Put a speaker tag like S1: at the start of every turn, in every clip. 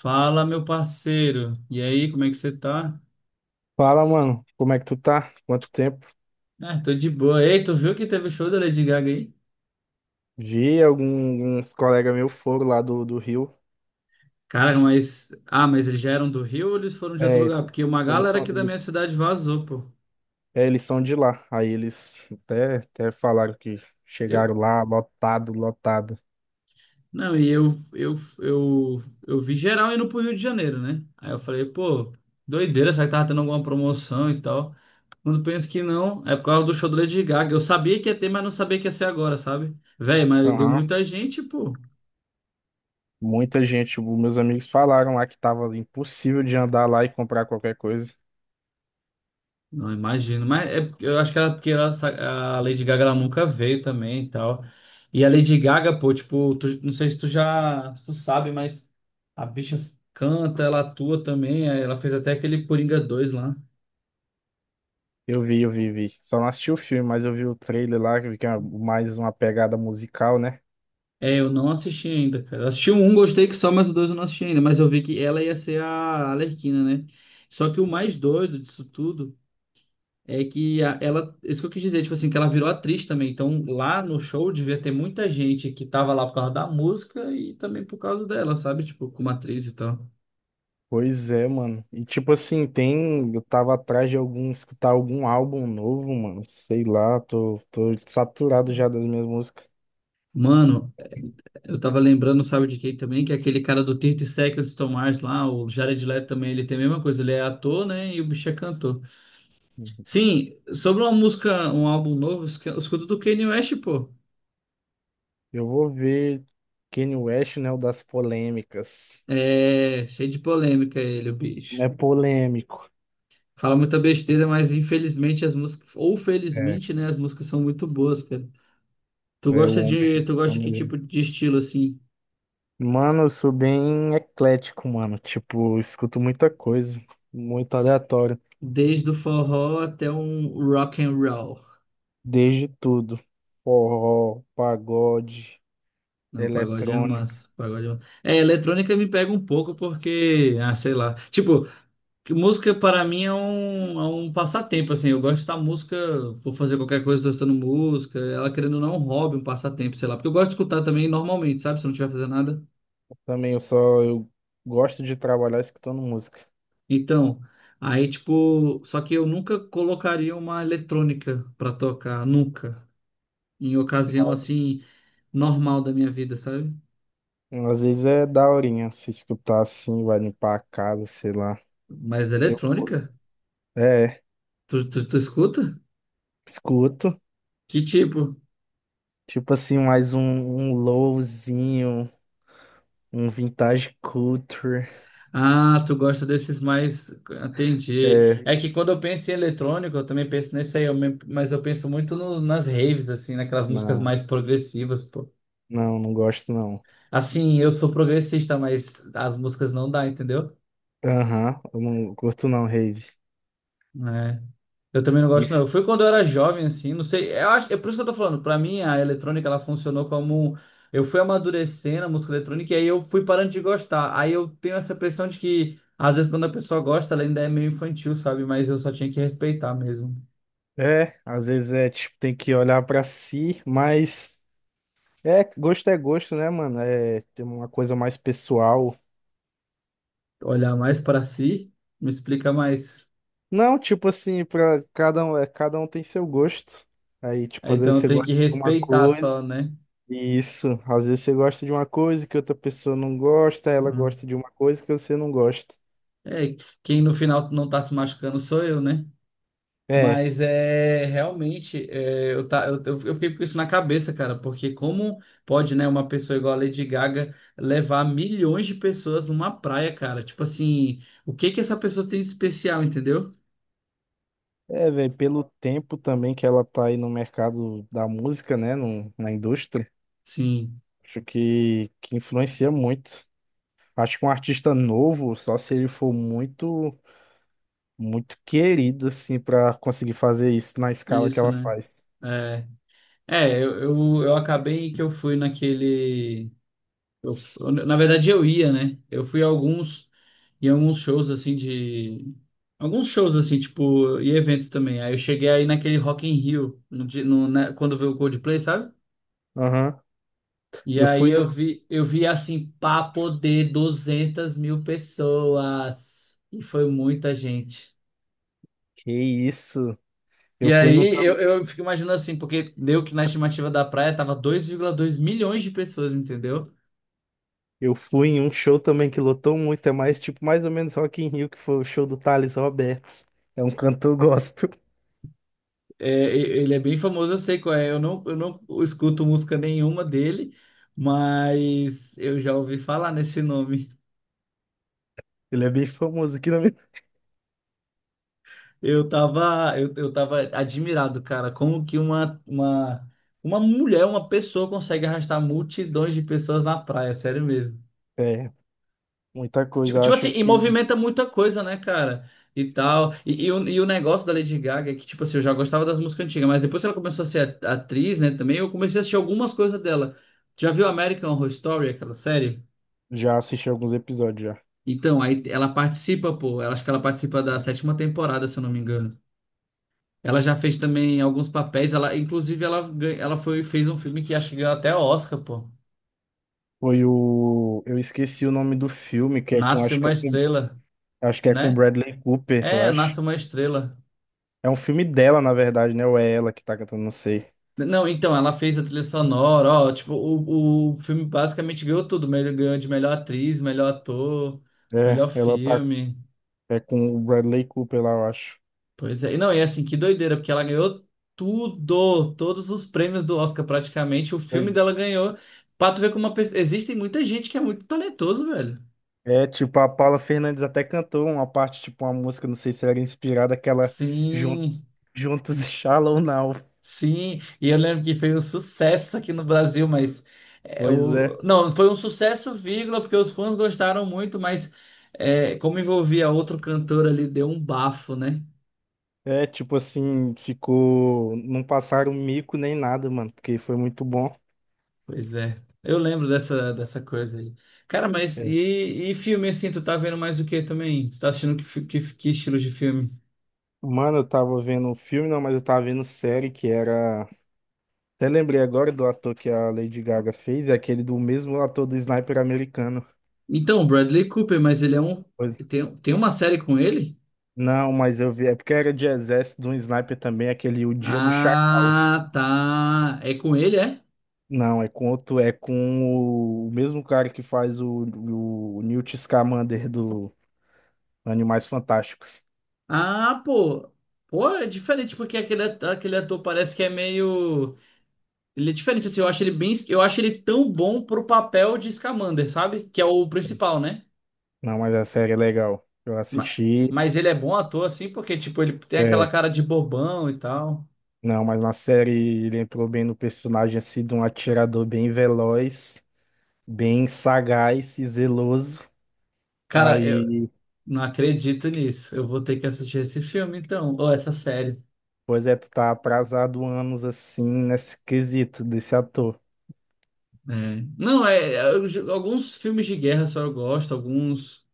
S1: Fala, meu parceiro. E aí, como é que você tá?
S2: Fala, mano, como é que tu tá? Quanto tempo?
S1: Ah, tô de boa. Ei, tu viu que teve o show da Lady Gaga aí?
S2: Vi alguns colegas meus foram lá do Rio.
S1: Cara, Ah, mas eles já eram do Rio ou eles foram de outro
S2: É,
S1: lugar? Porque uma
S2: eles
S1: galera
S2: são,
S1: aqui da
S2: ele-
S1: minha cidade vazou, pô.
S2: Eles são de lá. Aí eles até falaram que
S1: Eu...
S2: chegaram lá lotado, lotado.
S1: Não, e eu, eu vi geral indo pro Rio de Janeiro, né? Aí eu falei, pô, doideira, será que tava tendo alguma promoção e tal? Quando penso que não, é por causa do show da Lady Gaga. Eu sabia que ia ter, mas não sabia que ia ser agora, sabe? Véi, mas deu
S2: Aham.
S1: muita gente, pô.
S2: Muita gente, os meus amigos falaram lá que tava impossível de andar lá e comprar qualquer coisa.
S1: Não imagino, mas é, eu acho que era porque a Lady Gaga ela nunca veio também e tal. E a Lady Gaga, pô, tipo, não sei se se tu sabe, mas a bicha canta, ela atua também, aí ela fez até aquele Coringa 2 lá.
S2: Vi. Só não assisti o filme, mas eu vi o trailer lá, que vi que é mais uma pegada musical, né?
S1: É, eu não assisti ainda, cara. Eu assisti o um, gostei que só, mas o dois eu não assisti ainda, mas eu vi que ela ia ser a Arlequina, né? Só que o mais doido disso tudo é que ela, isso que eu quis dizer, tipo assim, que ela virou atriz também. Então, lá no show devia ter muita gente que tava lá por causa da música e também por causa dela, sabe? Tipo, como atriz e tal.
S2: Pois é, mano. E tipo assim, tem. Eu tava atrás de algum, escutar algum álbum novo, mano. Sei lá, tô saturado já das minhas músicas.
S1: Mano, eu tava lembrando, sabe de quem também? Que é aquele cara do 30 Seconds to Mars lá, o Jared Leto também, ele tem a mesma coisa, ele é ator, né? E o bicho é cantor.
S2: Uhum.
S1: Sim, sobre uma música, um álbum novo, eu escuto do Kanye West, pô.
S2: Eu vou ver Kanye West, né? O das polêmicas.
S1: É, cheio de polêmica ele, o bicho.
S2: É polêmico.
S1: Fala muita besteira, mas infelizmente as músicas, ou
S2: É,
S1: felizmente, né, as músicas são muito boas, cara. Tu
S2: é o
S1: gosta
S2: homem.
S1: de, tu gosta de que
S2: homem-
S1: tipo de estilo assim?
S2: Mano, eu sou bem eclético, mano. Tipo, eu escuto muita coisa, muito aleatório,
S1: Desde o forró até um rock and roll.
S2: desde tudo. Forró, pagode,
S1: Não, o pagode é
S2: eletrônico.
S1: massa, o pagode é massa. É, eletrônica me pega um pouco porque, ah, sei lá. Tipo, que música para mim é um passatempo assim. Eu gosto da música, vou fazer qualquer coisa tô escutando música, ela querendo ou não é um hobby, um passatempo, sei lá. Porque eu gosto de escutar também normalmente, sabe? Se eu não estiver fazendo nada.
S2: Também eu só eu gosto de trabalhar escutando música.
S1: Então, aí tipo, só que eu nunca colocaria uma eletrônica pra tocar, nunca. Em ocasião assim, normal da minha vida, sabe?
S2: Às vezes é daorinha se escutar assim, vai limpar a casa, sei lá.
S1: Mas
S2: Eu curto.
S1: eletrônica?
S2: É,
S1: Tu escuta?
S2: escuto.
S1: Que tipo?
S2: Tipo assim, mais um lowzinho, um vintage culture.
S1: Ah, tu gosta desses mais. Entendi.
S2: É,
S1: É que quando eu penso em eletrônico, eu também penso nesse aí, mas eu penso muito nas raves, assim, naquelas músicas
S2: não,
S1: mais progressivas, pô.
S2: não gosto não.
S1: Assim, eu sou progressista, mas as músicas não dá, entendeu?
S2: Aham, eu não curto não, rave.
S1: É. Eu também não
S2: E,
S1: gosto, não. Eu fui quando eu era jovem, assim, não sei. Eu acho, é por isso que eu tô falando. Pra mim, a eletrônica, ela funcionou como. Eu fui amadurecendo a música eletrônica e aí eu fui parando de gostar. Aí eu tenho essa impressão de que, às vezes, quando a pessoa gosta, ela ainda é meio infantil, sabe? Mas eu só tinha que respeitar mesmo.
S2: é, às vezes é tipo, tem que olhar pra si, mas é gosto, né, mano? É, tem uma coisa mais pessoal.
S1: Olhar mais pra si, me explica mais.
S2: Não, tipo assim, pra cada um, é, cada um tem seu gosto. Aí, tipo,
S1: Aí,
S2: às
S1: então
S2: vezes
S1: eu
S2: você
S1: tenho que
S2: gosta de uma
S1: respeitar só,
S2: coisa.
S1: né?
S2: Isso, às vezes você gosta de uma coisa que outra pessoa não gosta, ela
S1: Hum.
S2: gosta de uma coisa que você não gosta.
S1: É, quem no final não tá se machucando sou eu, né?
S2: É,
S1: Mas é realmente, é, eu, tá, eu fiquei com isso na cabeça, cara, porque como pode, né, uma pessoa igual a Lady Gaga levar milhões de pessoas numa praia, cara? Tipo assim, o que que essa pessoa tem de especial, entendeu?
S2: Velho, pelo tempo também que ela tá aí no mercado da música, né, no, na indústria,
S1: Sim,
S2: acho que influencia muito. Acho que um artista novo, só se ele for muito querido, assim, pra conseguir fazer isso na escala que
S1: isso,
S2: ela
S1: né?
S2: faz.
S1: É, é, eu acabei que eu fui naquele. Na verdade, eu ia, né? Eu fui a alguns, em alguns shows, assim, de... Alguns shows, assim, tipo, e eventos também. Aí eu cheguei aí naquele Rock in Rio, no, di- no, né, quando veio o Coldplay, sabe?
S2: Aham.
S1: E
S2: Eu
S1: aí
S2: fui
S1: eu
S2: no,
S1: vi, eu vi, assim, papo de 200 mil pessoas. E foi muita gente.
S2: Que isso? Eu
S1: E
S2: fui num
S1: aí eu,
S2: também.
S1: eu fico imaginando assim, porque deu que na estimativa da praia tava 2,2 milhões de pessoas, entendeu?
S2: Eu fui em um show também que lotou muito, é mais tipo mais ou menos Rock in Rio, que foi o show do Thales Roberts. É um cantor gospel.
S1: É, ele é bem famoso, eu sei qual é. Eu não escuto música nenhuma dele, mas eu já ouvi falar nesse nome.
S2: Ele é bem famoso aqui na minha.
S1: Eu tava admirado, cara, como que uma mulher, uma pessoa consegue arrastar multidões de pessoas na praia, sério mesmo.
S2: É, muita
S1: Tipo,
S2: coisa. Eu
S1: tipo assim,
S2: acho
S1: e
S2: que
S1: movimenta muita coisa, né, cara? E tal. E o negócio da Lady Gaga é que, tipo assim, eu já gostava das músicas antigas, mas depois que ela começou a ser atriz, né, também, eu comecei a assistir algumas coisas dela. Já viu American Horror Story, aquela série?
S2: já assisti alguns episódios já.
S1: Então, aí ela participa, pô. Ela, acho que ela participa da sétima temporada, se eu não me engano. Ela já fez também alguns papéis. Ela, inclusive, ela, ela foi, fez um filme que acho que ganhou até Oscar, pô.
S2: Foi o. Eu esqueci o nome do filme, que é com.
S1: Nasce uma estrela,
S2: Acho que é com
S1: né?
S2: Bradley Cooper, eu
S1: É,
S2: acho.
S1: Nasce uma estrela.
S2: É um filme dela, na verdade, né? Ou é ela que tá cantando, não sei.
S1: Não, então, ela fez a trilha sonora, ó, tipo, o filme basicamente ganhou tudo, ganhou de melhor atriz, melhor ator,
S2: É,
S1: melhor
S2: ela tá.
S1: filme.
S2: É com o Bradley Cooper lá, eu acho.
S1: Pois é, e não, e assim, que doideira, porque ela ganhou tudo, todos os prêmios do Oscar praticamente, o filme
S2: Pois
S1: dela ganhou. Pra tu ver como uma pessoa... Existe muita gente que é muito talentoso, velho.
S2: é, tipo, a Paula Fernandes até cantou uma parte, tipo, uma música, não sei se era inspirada, aquela Jun-
S1: Sim.
S2: Juntos e Shallow Now.
S1: Sim, e eu lembro que foi um sucesso aqui no Brasil, mas é,
S2: Pois
S1: o...
S2: é.
S1: não, foi um sucesso, vírgula, porque os fãs gostaram muito, mas é, como envolvia outro cantor ali, deu um bafo, né?
S2: É, tipo assim, ficou. Não passaram um mico nem nada, mano, porque foi muito bom.
S1: Pois é, eu lembro dessa coisa aí. Cara, mas
S2: É.
S1: e filme assim, tu tá vendo mais o que também? Tu tá assistindo que estilo de filme?
S2: Mano, eu tava vendo um filme, não, mas eu tava vendo série que era. Até lembrei agora do ator que a Lady Gaga fez, é aquele do mesmo ator do Sniper americano.
S1: Então, Bradley Cooper, mas ele é um.
S2: Pois-
S1: Tem uma série com ele?
S2: Não, mas eu vi, é porque era de exército de um sniper também, aquele O Dia do Chacal.
S1: Ah, tá. É com ele, é?
S2: Não, é com outro, é com o mesmo cara que faz o Newt Scamander do Animais Fantásticos.
S1: Ah, pô. Pô, é diferente porque aquele ator parece que é meio. Ele é diferente, assim. Eu acho ele bem. Eu acho ele tão bom pro papel de Scamander, sabe? Que é o principal, né?
S2: Não, mas a série é legal. Eu
S1: Ma-
S2: assisti.
S1: Mas ele é bom ator, assim, porque, tipo, ele tem aquela
S2: É,
S1: cara de bobão e tal.
S2: não, mas na série ele entrou bem no personagem, assim, de um atirador bem veloz, bem sagaz e zeloso.
S1: Cara, eu
S2: Aí,
S1: não acredito nisso. Eu vou ter que assistir esse filme, então. Ou essa série.
S2: pois é, tu tá atrasado anos, assim, nesse quesito desse ator.
S1: É. Não, é, alguns filmes de guerra só eu gosto, alguns.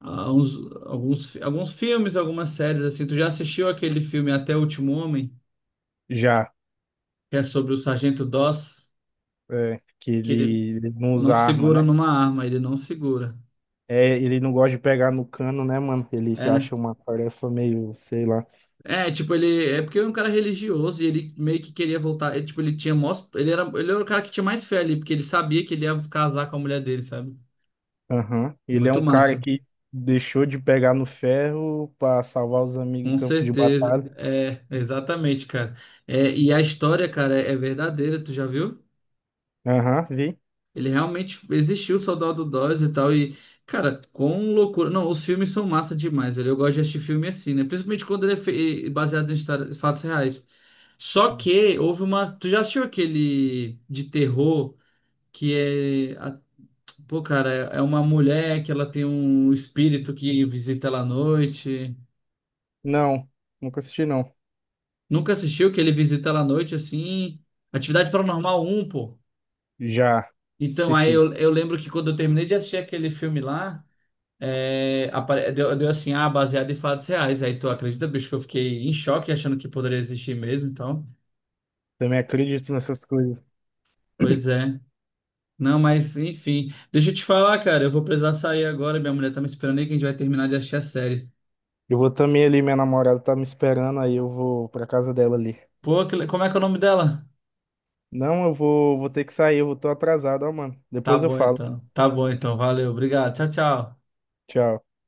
S1: ah, uns, alguns filmes, algumas séries assim. Tu já assistiu aquele filme Até o Último Homem,
S2: Já,
S1: que é sobre o Sargento Doss,
S2: é, que
S1: que ele
S2: ele não
S1: não
S2: usa arma,
S1: segura
S2: né?
S1: numa arma, ele não segura.
S2: É, ele não gosta de pegar no cano, né, mano? Ele se
S1: É,
S2: acha uma tarefa meio, sei lá.
S1: é, tipo, ele é porque ele é um cara religioso e ele meio que queria voltar, ele, tipo, ele tinha mós, ele era o cara que tinha mais fé ali, porque ele sabia que ele ia casar com a mulher dele, sabe?
S2: Aham. Ele é
S1: Muito
S2: um cara
S1: massa.
S2: que deixou de pegar no ferro pra salvar os amigos em
S1: Com
S2: campo de
S1: certeza.
S2: batalha.
S1: É, exatamente, cara. É, e a história, cara, é verdadeira, tu já viu?
S2: Aham, vi.
S1: Ele realmente existiu, o Soldado Dose e tal. E, cara, com loucura. Não, os filmes são massa demais, velho. Eu gosto de assistir filme assim, né? Principalmente quando ele é baseado em fatos reais. Só que houve uma. Tu já assistiu aquele de terror que é. a- Pô, cara, é uma mulher que ela tem um espírito que visita ela à noite.
S2: Não, nunca assisti, não.
S1: Nunca assistiu que ele visita ela à noite assim? Atividade Paranormal um pô.
S2: Já
S1: Então, aí
S2: assisti.
S1: eu lembro que quando eu terminei de assistir aquele filme lá. É, deu assim, baseado em fatos reais. Aí tu acredita, bicho, que eu fiquei em choque achando que poderia existir mesmo e tal.
S2: Também acredito nessas coisas.
S1: Pois é. Não, mas enfim. Deixa eu te falar, cara, eu vou precisar sair agora. Minha mulher tá me esperando aí que a gente vai terminar de assistir a série.
S2: Eu vou também ali, minha namorada tá me esperando, aí eu vou pra casa dela ali.
S1: Pô, como é que é o nome dela?
S2: Não, vou ter que sair, eu vou, tô atrasado, ó, mano.
S1: Tá
S2: Depois eu
S1: bom
S2: falo.
S1: então. Tá bom então. Valeu. Obrigado. Tchau, tchau.
S2: Tchau.